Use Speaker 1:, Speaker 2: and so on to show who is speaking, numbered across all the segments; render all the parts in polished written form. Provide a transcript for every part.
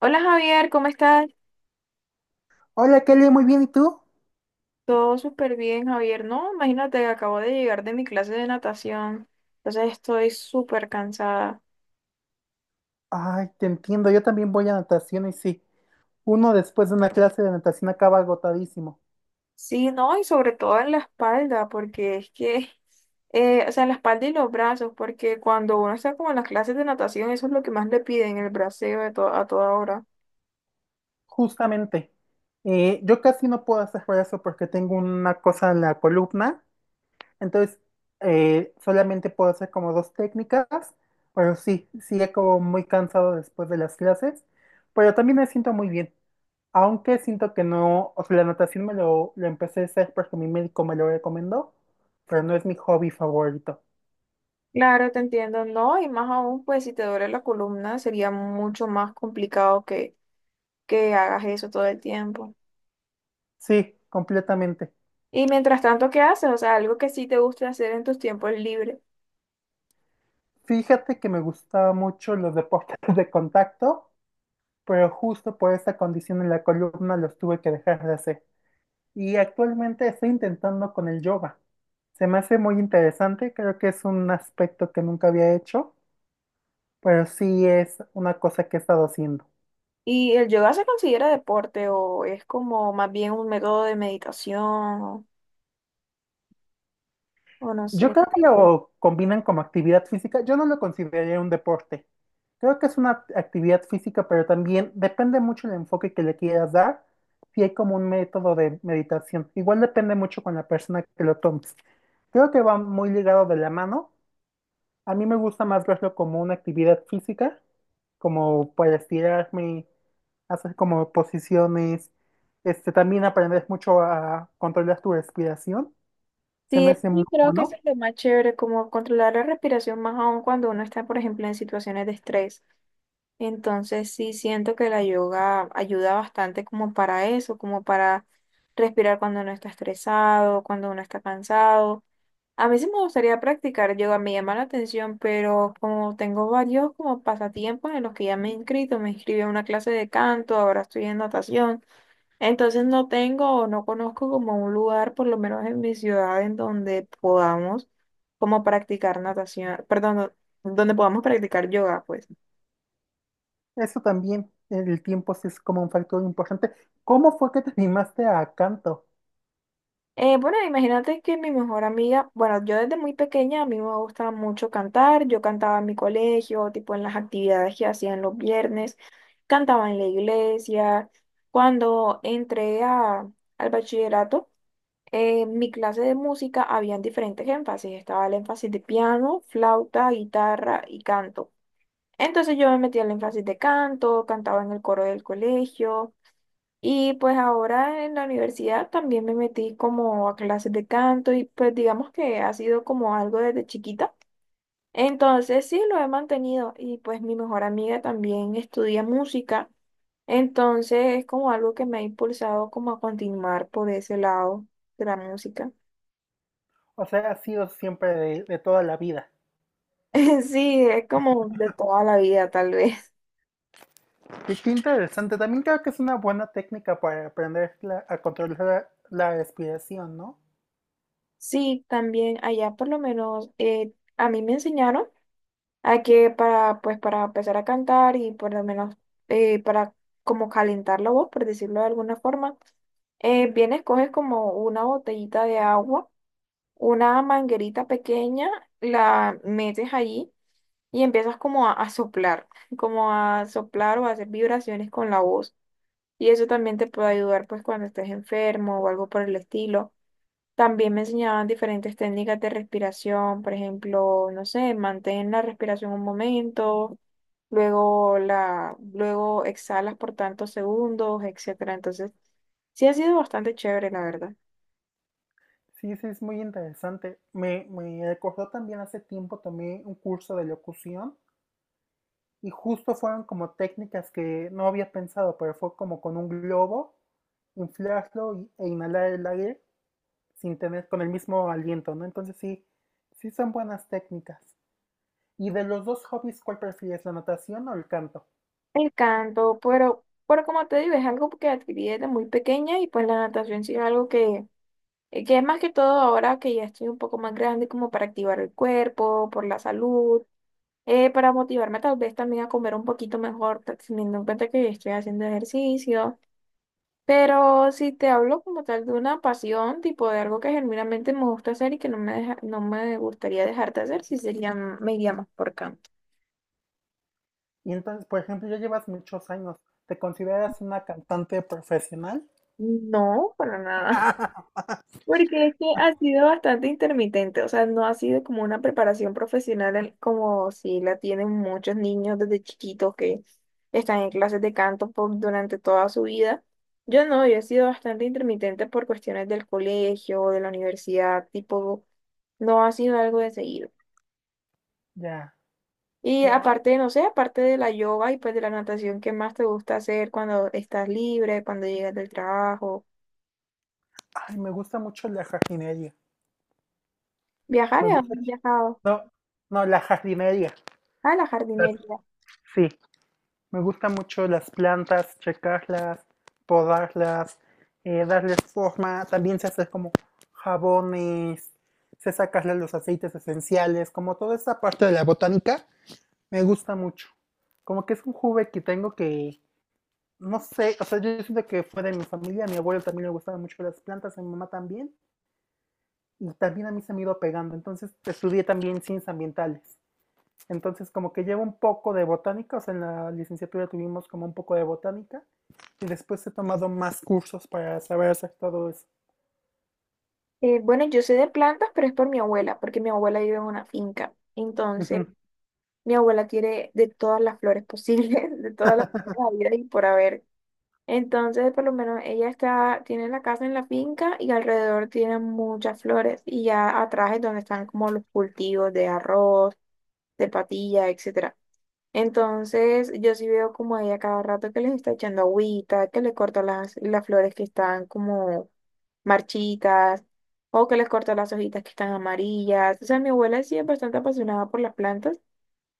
Speaker 1: Hola Javier, ¿cómo estás?
Speaker 2: Hola Kelly, muy bien, ¿y tú?
Speaker 1: Todo súper bien, Javier. No, imagínate, acabo de llegar de mi clase de natación, entonces estoy súper cansada.
Speaker 2: Ay, te entiendo, yo también voy a natación y sí, uno después de una clase de natación acaba agotadísimo,
Speaker 1: Sí, no, y sobre todo en la espalda, porque es que, o sea, en la espalda y los brazos, porque cuando uno está como en las clases de natación, eso es lo que más le piden, el braceo a toda hora.
Speaker 2: justamente. Yo casi no puedo hacer brazo porque tengo una cosa en la columna, entonces solamente puedo hacer como dos técnicas, pero sí, sí como muy cansado después de las clases, pero también me siento muy bien, aunque siento que no, o sea, la natación lo empecé a hacer porque mi médico me lo recomendó, pero no es mi hobby favorito.
Speaker 1: Claro, te entiendo, no, y más aún, pues si te duele la columna, sería mucho más complicado que hagas eso todo el tiempo.
Speaker 2: Sí, completamente.
Speaker 1: Y mientras tanto, ¿qué haces? O sea, algo que sí te guste hacer en tus tiempos libres.
Speaker 2: Fíjate que me gustaba mucho los deportes de contacto, pero justo por esa condición en la columna los tuve que dejar de hacer. Y actualmente estoy intentando con el yoga. Se me hace muy interesante, creo que es un aspecto que nunca había hecho, pero sí es una cosa que he estado haciendo.
Speaker 1: ¿Y el yoga se considera deporte o es como más bien un método de meditación o no sé?
Speaker 2: Yo creo que lo combinan como actividad física, yo no lo consideraría un deporte. Creo que es una actividad física, pero también depende mucho el enfoque que le quieras dar, si hay como un método de meditación. Igual depende mucho con la persona que lo tomes. Creo que va muy ligado de la mano. A mí me gusta más verlo como una actividad física, como para estirarme, hacer como posiciones, también aprendes mucho a controlar tu respiración, se me
Speaker 1: Sí,
Speaker 2: hace muy
Speaker 1: sí, creo que eso
Speaker 2: bueno.
Speaker 1: es lo más chévere, como controlar la respiración más aún cuando uno está, por ejemplo, en situaciones de estrés. Entonces sí siento que la yoga ayuda bastante como para eso, como para respirar cuando uno está estresado, cuando uno está cansado. A mí sí me gustaría practicar yoga, me llama la atención, pero como tengo varios como pasatiempos en los que ya me he inscrito, me inscribí a una clase de canto, ahora estoy en natación, entonces no tengo o no conozco como un lugar, por lo menos en mi ciudad, en donde podamos como practicar natación, perdón, no, donde podamos practicar yoga, pues.
Speaker 2: Eso también, el tiempo sí es como un factor importante. ¿Cómo fue que te animaste a canto?
Speaker 1: Bueno, imagínate que mi mejor amiga, bueno, yo desde muy pequeña a mí me gustaba mucho cantar, yo cantaba en mi colegio, tipo en las actividades que hacían los viernes, cantaba en la iglesia. Cuando entré a- al bachillerato, en mi clase de música habían diferentes énfasis, estaba el énfasis de piano, flauta, guitarra y canto. Entonces yo me metí al énfasis de canto, cantaba en el coro del colegio. Y pues ahora en la universidad también me metí como a clases de canto y pues digamos que ha sido como algo desde chiquita. Entonces sí, lo he mantenido y pues mi mejor amiga también estudia música. Entonces es como algo que me ha impulsado como a continuar por ese lado de la música.
Speaker 2: O sea, ha sido siempre de toda la vida.
Speaker 1: Sí, es como de toda la vida tal vez.
Speaker 2: Y qué interesante. También creo que es una buena técnica para aprender a controlar la respiración, ¿no?
Speaker 1: Sí, también allá por lo menos a mí me enseñaron. Aquí para, pues, para empezar a cantar y por lo menos para como calentar la voz, por decirlo de alguna forma, vienes, coges como una botellita de agua, una manguerita pequeña, la metes allí y empiezas a soplar, como a soplar o a hacer vibraciones con la voz. Y eso también te puede ayudar pues cuando estés enfermo o algo por el estilo. También me enseñaban diferentes técnicas de respiración, por ejemplo, no sé, mantén la respiración un momento, luego exhalas por tantos segundos, etcétera. Entonces, sí ha sido bastante chévere, la verdad.
Speaker 2: Sí, sí, es muy interesante. Me recordó también hace tiempo tomé un curso de locución y justo fueron como técnicas que no había pensado, pero fue como con un globo, e inhalar el aire sin tener con el mismo aliento, ¿no? Entonces sí, sí son buenas técnicas. ¿Y de los dos hobbies, cuál prefieres, la natación o el canto?
Speaker 1: El canto, pero como te digo, es algo que adquirí desde muy pequeña y pues la natación sí es algo que es más que todo ahora que ya estoy un poco más grande como para activar el cuerpo, por la salud para motivarme tal vez también a comer un poquito mejor, teniendo en cuenta que estoy haciendo ejercicio. Pero si te hablo como tal de una pasión, tipo de algo que genuinamente me gusta hacer y que no me gustaría dejar de hacer, si sería, me iría más por canto.
Speaker 2: Y entonces, por ejemplo, ya llevas muchos años. ¿Te consideras una cantante profesional?
Speaker 1: No, para nada. Porque es que ha sido bastante intermitente, o sea, no ha sido como una preparación profesional como si la tienen muchos niños desde chiquitos que están en clases de canto durante toda su vida. Yo no, yo he sido bastante intermitente por cuestiones del colegio, de la universidad, tipo, no ha sido algo de seguido.
Speaker 2: Ya,
Speaker 1: Y
Speaker 2: claro.
Speaker 1: aparte, no sé, aparte de la yoga y pues de la natación, ¿qué más te gusta hacer cuando estás libre, cuando llegas del trabajo?
Speaker 2: Ay, me gusta mucho la jardinería.
Speaker 1: Viajar,
Speaker 2: Me
Speaker 1: ¿a
Speaker 2: gusta.
Speaker 1: dónde has viajado?
Speaker 2: No, no, la jardinería.
Speaker 1: A la
Speaker 2: Las-
Speaker 1: jardinería.
Speaker 2: Sí, me gusta mucho las plantas, checarlas, podarlas, darles forma. También se hace como jabones, se sacarle los aceites esenciales, como toda esa parte de la botánica. Me gusta mucho. Como que es un hobby que tengo que, no sé, o sea, yo siento que fue de mi familia, a mi abuelo también le gustaban mucho las plantas, a mi mamá también, y también a mí se me iba pegando. Entonces estudié también ciencias ambientales. Entonces como que llevo un poco de botánica, o sea, en la licenciatura tuvimos como un poco de botánica, y después he tomado más cursos para saber hacer todo eso.
Speaker 1: Bueno, yo sé de plantas, pero es por mi abuela, porque mi abuela vive en una finca. Entonces,
Speaker 2: Ujú.
Speaker 1: mi abuela tiene de todas las flores posibles, de todas las flores habidas y por haber. Entonces, por lo menos ella está, tiene la casa en la finca y alrededor tiene muchas flores. Y ya atrás es donde están como los cultivos de arroz, de patilla, etcétera. Entonces, yo sí veo como ella cada rato que les está echando agüita, que le corta las flores que están como marchitas o que les corto las hojitas que están amarillas. O sea, mi abuela sí es bastante apasionada por las plantas.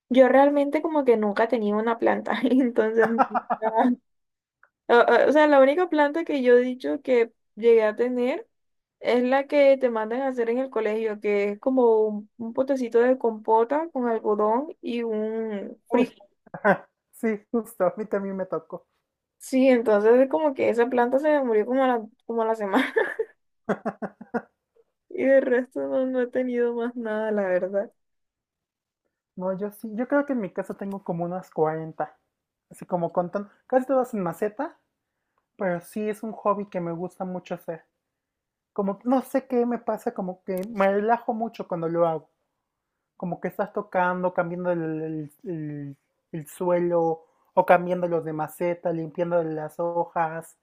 Speaker 1: Yo realmente como que nunca tenía una planta, entonces, o sea, la única planta que yo he dicho que llegué a tener es la que te mandan a hacer en el colegio, que es como un potecito de compota con algodón y un
Speaker 2: Uy,
Speaker 1: frijol.
Speaker 2: ajá, sí, justo, a mí también me tocó.
Speaker 1: Sí, entonces es como que esa planta se me murió como a la semana y de resto no, no he tenido más nada, la verdad.
Speaker 2: No, yo sí, yo creo que en mi casa tengo como unas 40, así como contando, casi todas en maceta, pero sí es un hobby que me gusta mucho hacer. Como que no sé qué me pasa, como que me relajo mucho cuando lo hago. Como que estás tocando, cambiando el suelo, o cambiando los de maceta, limpiando las hojas,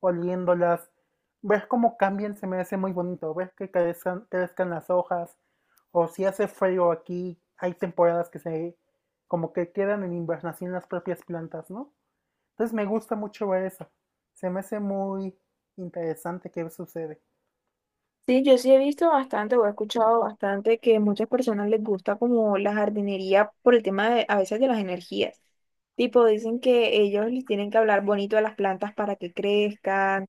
Speaker 2: oliéndolas. Ver cómo cambian se me hace muy bonito, ver que crezcan, crezcan las hojas, o si hace frío aquí, hay temporadas que se como que quedan en invernación las propias plantas, ¿no? Entonces me gusta mucho ver eso. Se me hace muy interesante qué sucede.
Speaker 1: Sí, yo sí he visto bastante o he escuchado bastante que muchas personas les gusta como la jardinería por el tema de, a veces de las energías. Tipo, dicen que ellos les tienen que hablar bonito a las plantas para que crezcan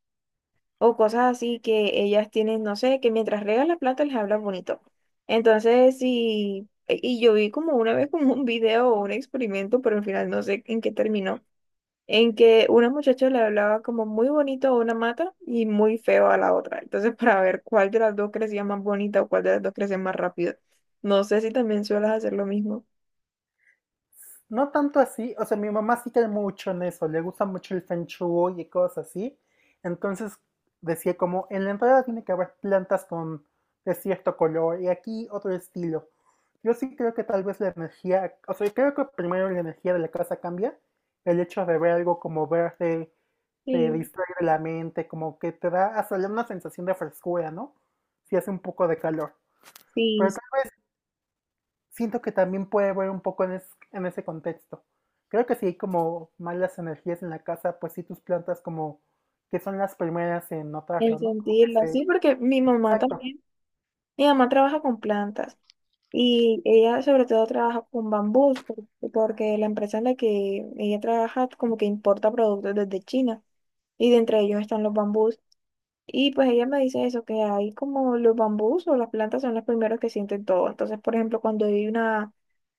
Speaker 1: o cosas así que ellas tienen, no sé, que mientras riegan las plantas les hablan bonito. Entonces, sí, y yo vi como una vez como un video o un experimento, pero al final no sé en qué terminó en que una muchacha le hablaba como muy bonito a una mata y muy feo a la otra. Entonces, para ver cuál de las dos crecía más bonita o cuál de las dos crecía más rápido. No sé si también sueles hacer lo mismo.
Speaker 2: No tanto así, o sea, mi mamá sí cae mucho en eso, le gusta mucho el feng shui y cosas así. Entonces decía como, en la entrada tiene que haber plantas con de cierto color y aquí otro estilo. Yo sí creo que tal vez la energía, o sea, creo que primero la energía de la casa cambia, el hecho de ver algo como verde te
Speaker 1: Sí,
Speaker 2: distrae de la mente, como que te da hasta una sensación de frescura, ¿no? Si hace un poco de calor. Pero
Speaker 1: sí,
Speaker 2: tal vez siento que también puede ver un poco en ese contexto. Creo que si hay como malas energías en la casa, pues sí tus plantas como que son las primeras en
Speaker 1: en
Speaker 2: notarlo, ¿no? Como que
Speaker 1: sentirla.
Speaker 2: se...
Speaker 1: Sí, porque mi mamá
Speaker 2: Exacto,
Speaker 1: también, mi mamá trabaja con plantas y ella sobre todo trabaja con bambús porque la empresa en la que ella trabaja como que importa productos desde China y de entre ellos están los bambús. Y pues ella me dice eso, que hay como los bambús o las plantas son los primeros que sienten todo. Entonces, por ejemplo,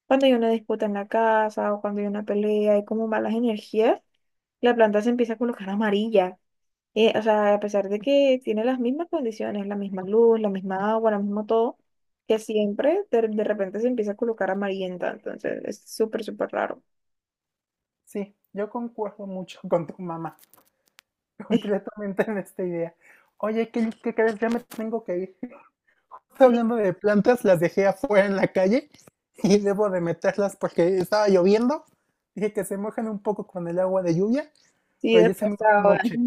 Speaker 1: cuando hay una disputa en la casa o cuando hay una pelea, hay como malas energías, la planta se empieza a colocar amarilla. O sea, a pesar de que tiene las mismas condiciones, la misma luz, la misma agua, lo mismo todo, que siempre de repente se empieza a colocar amarillenta. Entonces, es súper, súper raro.
Speaker 2: sí, yo concuerdo mucho con tu mamá, completamente en esta idea. Oye, ¿qué crees? Ya me tengo que ir.
Speaker 1: Sí,
Speaker 2: Hablando de plantas, las dejé afuera en la calle y debo de meterlas porque estaba lloviendo. Dije que se mojan un poco con el agua de lluvia,
Speaker 1: sí,
Speaker 2: pero ya se
Speaker 1: después
Speaker 2: me hizo
Speaker 1: ahora.
Speaker 2: noche.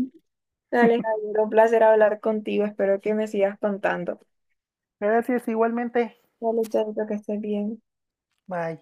Speaker 1: Dale, Javier, un placer hablar contigo. Espero que me sigas contando.
Speaker 2: Gracias, igualmente.
Speaker 1: Vale, chavito, que estés bien.
Speaker 2: Bye.